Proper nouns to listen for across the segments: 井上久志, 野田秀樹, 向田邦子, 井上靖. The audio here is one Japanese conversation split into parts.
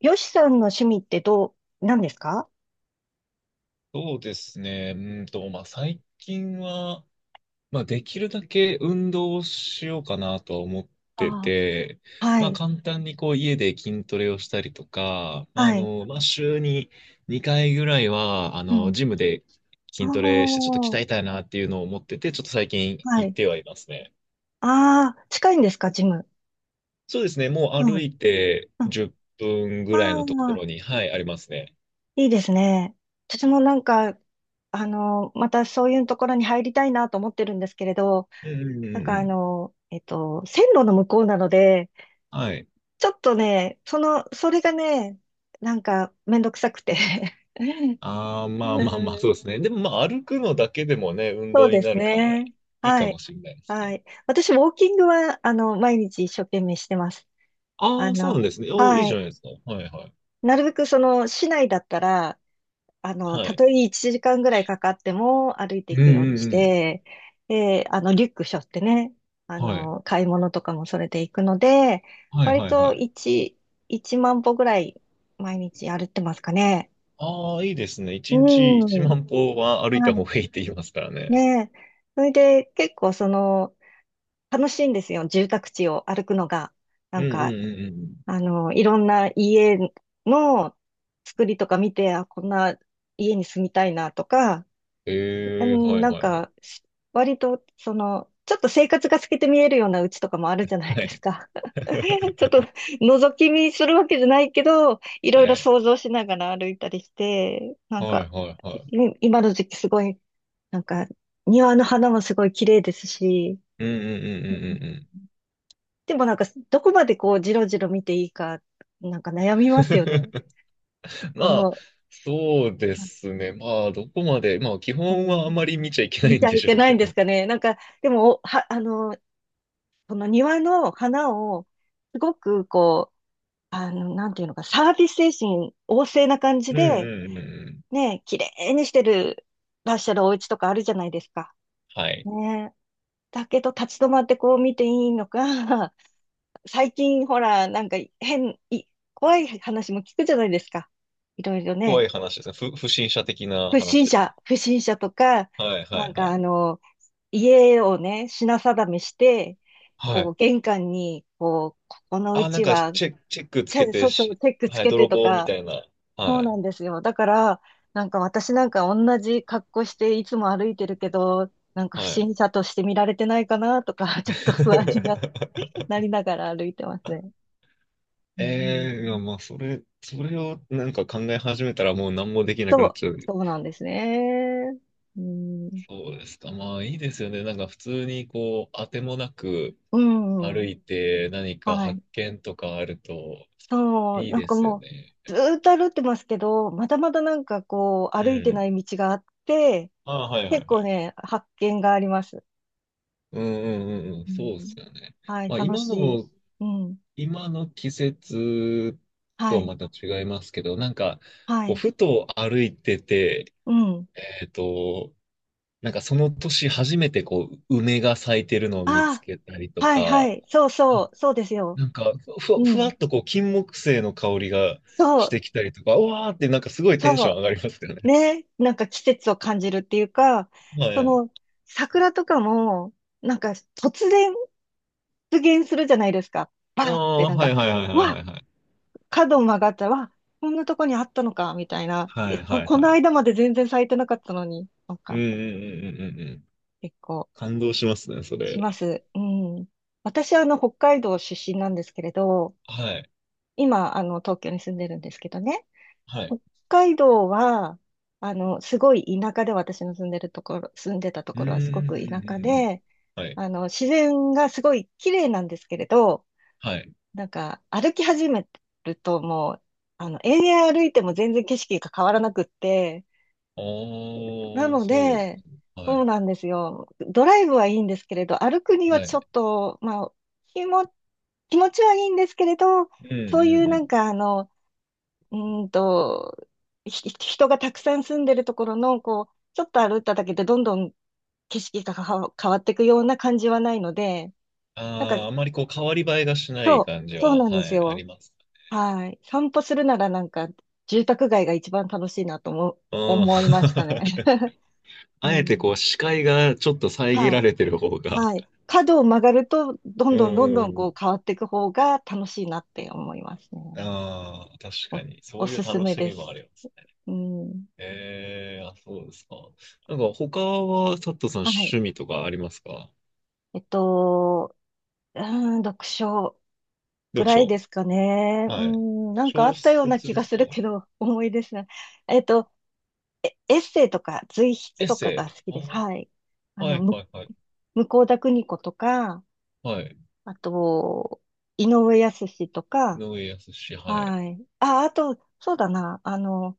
よしさんの趣味って何ですか？そうですね。まあ、最近は、まあ、できるだけ運動をしようかなとは思ってあて、あはまあ、い。簡単にこう、家で筋トレをしたりとか、まあ、はい。まあ、週に2回ぐらいは、うん。ジムであ筋トレしてちょっと鍛えあ、たいなっていうのを思ってて、ちょっと最近は行っい。てはいますね。ああ、近いんですか、ジム？そうですね。もうう歩ん。いてうん。10分あぐらいのところあ、に、はい、ありますね。いいですね。私もなんか、またそういうところに入りたいなと思ってるんですけれど、うんうんうなんんかうん。線路の向こうなので、はい。ちょっとね、その、それがね、なんかめんどくさくて。 ああ、まあうまあまあ、そうでん、すね。でもまあ、歩くのだけでもね、運そう動にでなするから、ね。いいかはもい。しれないですはね。い。私、ウォーキングは、毎日一生懸命してます。あああ、そうなんでの、すね。おーいいはじゃい。ないですか。はいはい。なるべく、その、市内だったら、はたい。とえ1時間ぐらいかかっても歩いてういんうくようにしんうん。て、で、リュック背負ってね、はい。買い物とかもそれで行くので、はい割はいはとい。1万歩ぐらい毎日歩いてますかね。ああ、いいですね。一日一うん。万歩は歩いたは方い。がいいって言いますからね。ねえ。それで、結構、その、楽しいんですよ、住宅地を歩くのが。なうんんうんか、うんうんうん。いろんな家の作りとか見て、あ、こんな家に住みたいなとか、うええん、はいなんはいはい。か、割と、その、ちょっと生活が透けて見えるような家とかもあるじゃないはですい。か。ちょっと 覗き見するわけじゃないけど、いろはいろい。想像しながら歩いたりして、なんはか、いはいいはい。今の時期すごい、なんか、庭の花もすごい綺麗ですし、うんうんうんうんうんでもなんか、どこまでこう、じろじろ見ていいか、なんかう悩みますよね。ん。まこあ、の、そうですね。まあ、どこまで、まあ、基う本はあん、まり見ちゃいけな見いちんゃでいしけょうないけんですど。かね。なんか、でも、おは、あの、この庭の花を、すごくこう、なんていうのか、サービス精神旺盛な感じうんで、うんうんうん。ね、綺麗にしてる、らっしゃるお家とかあるじゃないですか。はい。ねえ。だけど、立ち止まってこう見ていいのか、最近ほら、なんか変、い、怖い話も聞くじゃないですか。いろいろ怖ね。い話ですね。不審者的な不話審です。者、不審者とか、はいなはんいはかい。家をね、品定めして、はこい。う、玄関に、こう、ここのうあ、なんちか、は、チェックつけてそうそう、し、チェックつはい、けて泥と棒みか、たいな。はそうい。なんですよ。だから、なんか私なんか同じ格好していつも歩いてるけど、なんか不はい。審者として見られてないかなとか、ちょっと不安にな、なりながら歩いてますね。うん、ええーいやまあ、それをなんか考え始めたらもう何もできなくそなっう、ちゃう。そうなんですね。うん、そうですか。まあ、いいですよね。なんか普通にこう、当てもなく、う歩ん、いて何かは発い。見とかあるとそう、いいなんでかすよもね。う、ずーっと歩いてますけど、まだまだなんかこう、う歩いてなん。い道があって、ああ、はいは結いは構い。ね、発見があります。うんうんうんうん、うそうですん、よね。はい、まあ楽しい。うん。今の季節とははい、また違いますけど、なんか、はこう、い、ふと歩いてて、うん。えっと、なんかその年初めてこう、梅が咲いてるのを見つあけたりあ、とはい、はか、い、そうそあ、う、そうですよ。なんかうふわん。っとこう、金木犀の香りがそしう、てきたりとか、うわーってなんかすごいテンそション上がりますよう。ね。ね、なんか季節を感じるっていうか、はそい。の、桜とかも、なんか突然出現するじゃないですか。バあーってあ、なんはか、いはいはいうはいはわ、いはい。角曲がったら、わ、こんなとこにあったのか、みたいな。はえ、いはいこはのい。間まで全然咲いてなかったのに、なんうんうか、んうんうんうんうん。結構、感動しますね、そしれ。ます。うん。私は北海道出身なんですけれど、はい。今、東京に住んでるんですけどね、はい。北海道は、すごい田舎で、私の住んでるところ、住んでたとうんこうろはすごんうく田ん舎うんうん。で、はい。自然がすごい綺麗なんですけれど、はい。なんか、歩き始めるともう、延々歩いても全然景色が変わらなくって、あなあ、のそうですで、か。はそうい。なんですよ。ドライブはいいんですけれど、歩くにははちょい。っと、まあ、気も、気持ちはいいんですけれど、うんうんそういううなんん。か、うーんと、人がたくさん住んでるところの、こう、ちょっと歩いただけでどんどん景色が変わっていくような感じはないので、なんか、ああ、あまりこう、変わり映えがしないそ感う、じそうは、なんではすい、あよ。ります。はい。散歩するならなんか、住宅街が一番楽しいなともうん。思いましたね。うあえてこう、ん。視界がちょっと遮はらい。れてる方が。はい。角を曲がると、どんうんどんどうんんどうんこうん。変わっていく方が楽しいなって思いますね。ああ、確かお、に。そおういうすす楽めしでみもあす。ります。うん。ええあ、そうですか。なんか他は、佐藤さんはい。趣味とかありますか？えっと、うー読書ぐ読らい書。ですかね。うはい。ん、なんかあ小ったような説気でがすすか？るけど、重いですね。えっと、エッセイとか随エ筆ッとかセがイ。好きあです。ー、はい。あはの、いはむ、いはい。向田邦子とか、はい。あと、井上靖と井か、上康志、はい。はい。あ、あと、そうだな、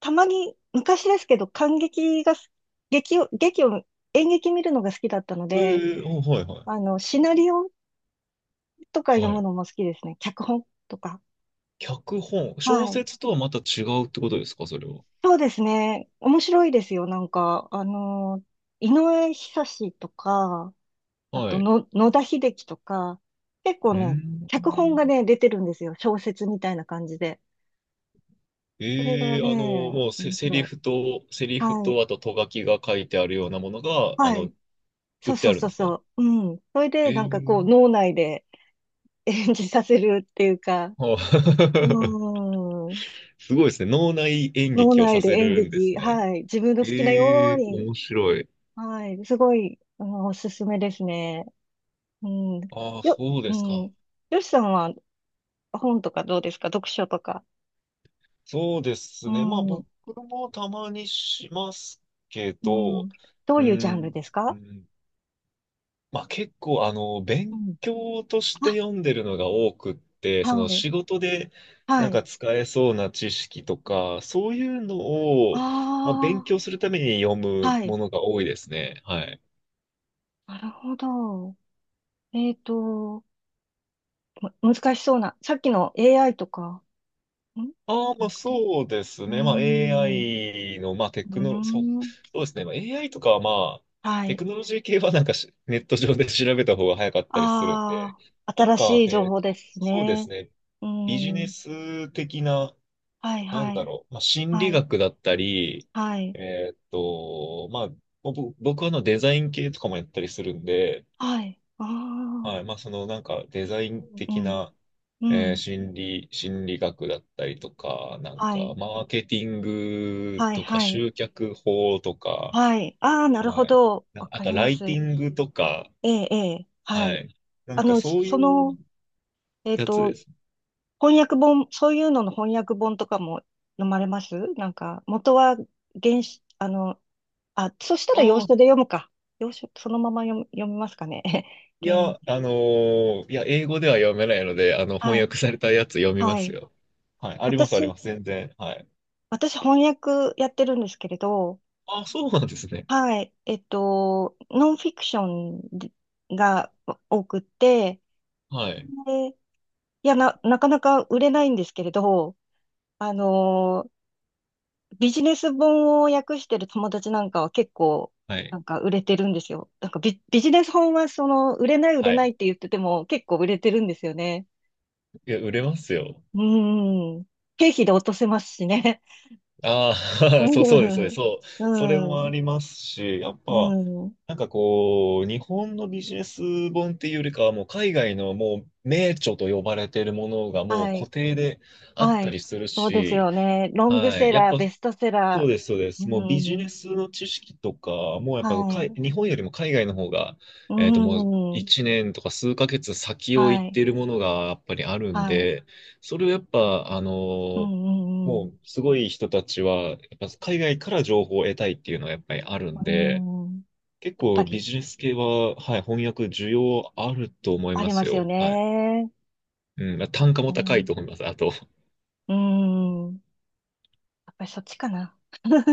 たまに、昔ですけど、観劇がす、劇を、劇を、演劇見るのが好きだったのえで、えうんはいはシナリオとかい。読はむい。のも好きですね。脚本とか。脚本。小はい。説とはまた違うってことですかそれは？そうですね。面白いですよ。なんか、井上久志とか、あはとい。の、野田秀樹とか、結構うーね、脚本がん。ね、出てるんですよ。小説みたいな感じで。これがええね、もうセ、面セリ白い。フと、はい。あと、と書きが書いてあるようなものが、はい。売そっうてそあうるんそでうすそか？う。うん。それで、なんかこう、ええ脳内で演じさせるっていうか、はうあ ーん。すごいですね。脳内演脳劇を内さでせ演るんです劇、ね。はい。自分の好きなよえうえ、に、面白い。はい。すごい、おすすめですね。うん。ああ、そううですか。ん。よしさんは本とかどうですか、読書とか。そうでうすね。まあん。僕もたまにしますけうど、うん。どうーいうジャンルん、ですうか？ん、まあ結構う勉ん。強としてあ、読んでるのが多くって、はそのい。仕事でなはんい。か使えそうな知識とか、そういうのを、まあ、あ勉強するために読あ、むはい。ものが多いですね。はい。なるほど。えっと、難しそうな。さっきの AI とか、んじああ、ゃまあなくて。そうですうーね。まあ ん。う AI の、まあテークノロ、ん。そうですね。まあ AI とかはまあ、はテい。クノロジー系はなんかネット上で調べた方が早かったりするんで、ああ、なん新か、しい情報ですそうですね。ね。うービジネん。ス的な、はい、なんはだい。ろう、まあ心は理い。学だったり、はい。まあ、僕はあのデザイン系とかもやったりするんで、はい。あはい、あ。まあそのなんかデザインう的ん。な、うん。心理学だったりとか、なんはか、い。マーケティングはい、とか、はい。集客法とか、はい。ああ、なるほはい。ど。なんわかあかと、りまライテす。ィングとか、ええ、ええ、ははい。い。なあんか、の、そうそいの、うえっやつと、です。翻訳本、そういうのの翻訳本とかも飲まれますなんか、元は原始、あ、そしたら洋ああ、書で読むか。洋書、そのまま読みますかね。いや、いや、英語では読めないので、あの、翻はい、訳されたやつ読みまはすい。よ。はい。あります、あり私、ます。全然。はい。私翻訳やってるんですけれど、ああ、そうなんですね。はい、ノンフィクションが多くって、はい。で、いや、なかなか売れないんですけれど、あのービジネス本を訳してる友達なんかは結構、はい。なんか売れてるんですよ。なんかビジネス本はその、売れない売れはないい。って言ってても結構売れてるんですよね。いや、売れますよ。うーん。経費で落とせますしね。ああ、そう、そうです、そうです、うそう。それん。うもあん。りますし、やっうぱ、ん。なんかこう、日本のビジネス本っていうよりかは、もう海外のもう名著と呼ばれているものがもうは固い。定であっはたい。りするそうですし、よね。ロングはセい。やっラー、ぱベストセそうラです、そうでー。す。もううビジネん。スの知識とか、もうやっぱはい。日本よりも海外の方が、うもうん。1年とか数ヶ月先をは行ってい。いるものがやっぱりあるんはい。で、それをやっぱ、うーんうんうもん。うすごい人たちは、やっぱ海外から情報を得たいっていうのはやっぱりあるんうで、ん。や結っぱ構ビり、ジネス系は、はい、翻訳需要あると思いありまますすよよ。はい。ね。うん、まあそうで単価すも高いね。と思います。あと、うん。やっぱりそっちかな。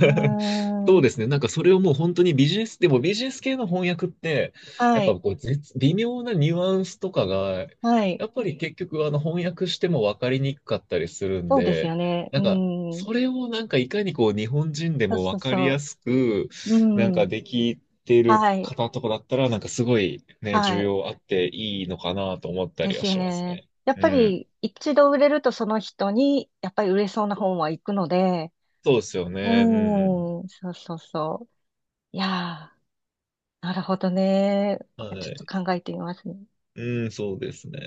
う そうでん。すね。なんかそれをもう本当にビジネス、でもビジネス系の翻訳って、やはっぱい。こう微妙なニュアンスとかが、はい。やっぱり結局翻訳しても分かりにくかったりするんそうですよで、ね。うなんかそん。れをなんかいかにこう日本人でそうもそ分うかりそやすく、う。なんうかん。できてるはい。方とかだったら、なんかすごいね、需はい。要あっていいのかなと思ったでりはすよしますね。ね。やっうぱん。り、一度売れるとその人に、やっぱり売れそうな本は行くので、そうですよね。うんうん。うーん。そうそうそう。いやー、なるほどね。はちょっとい。考えてみますね。うん、そうですね。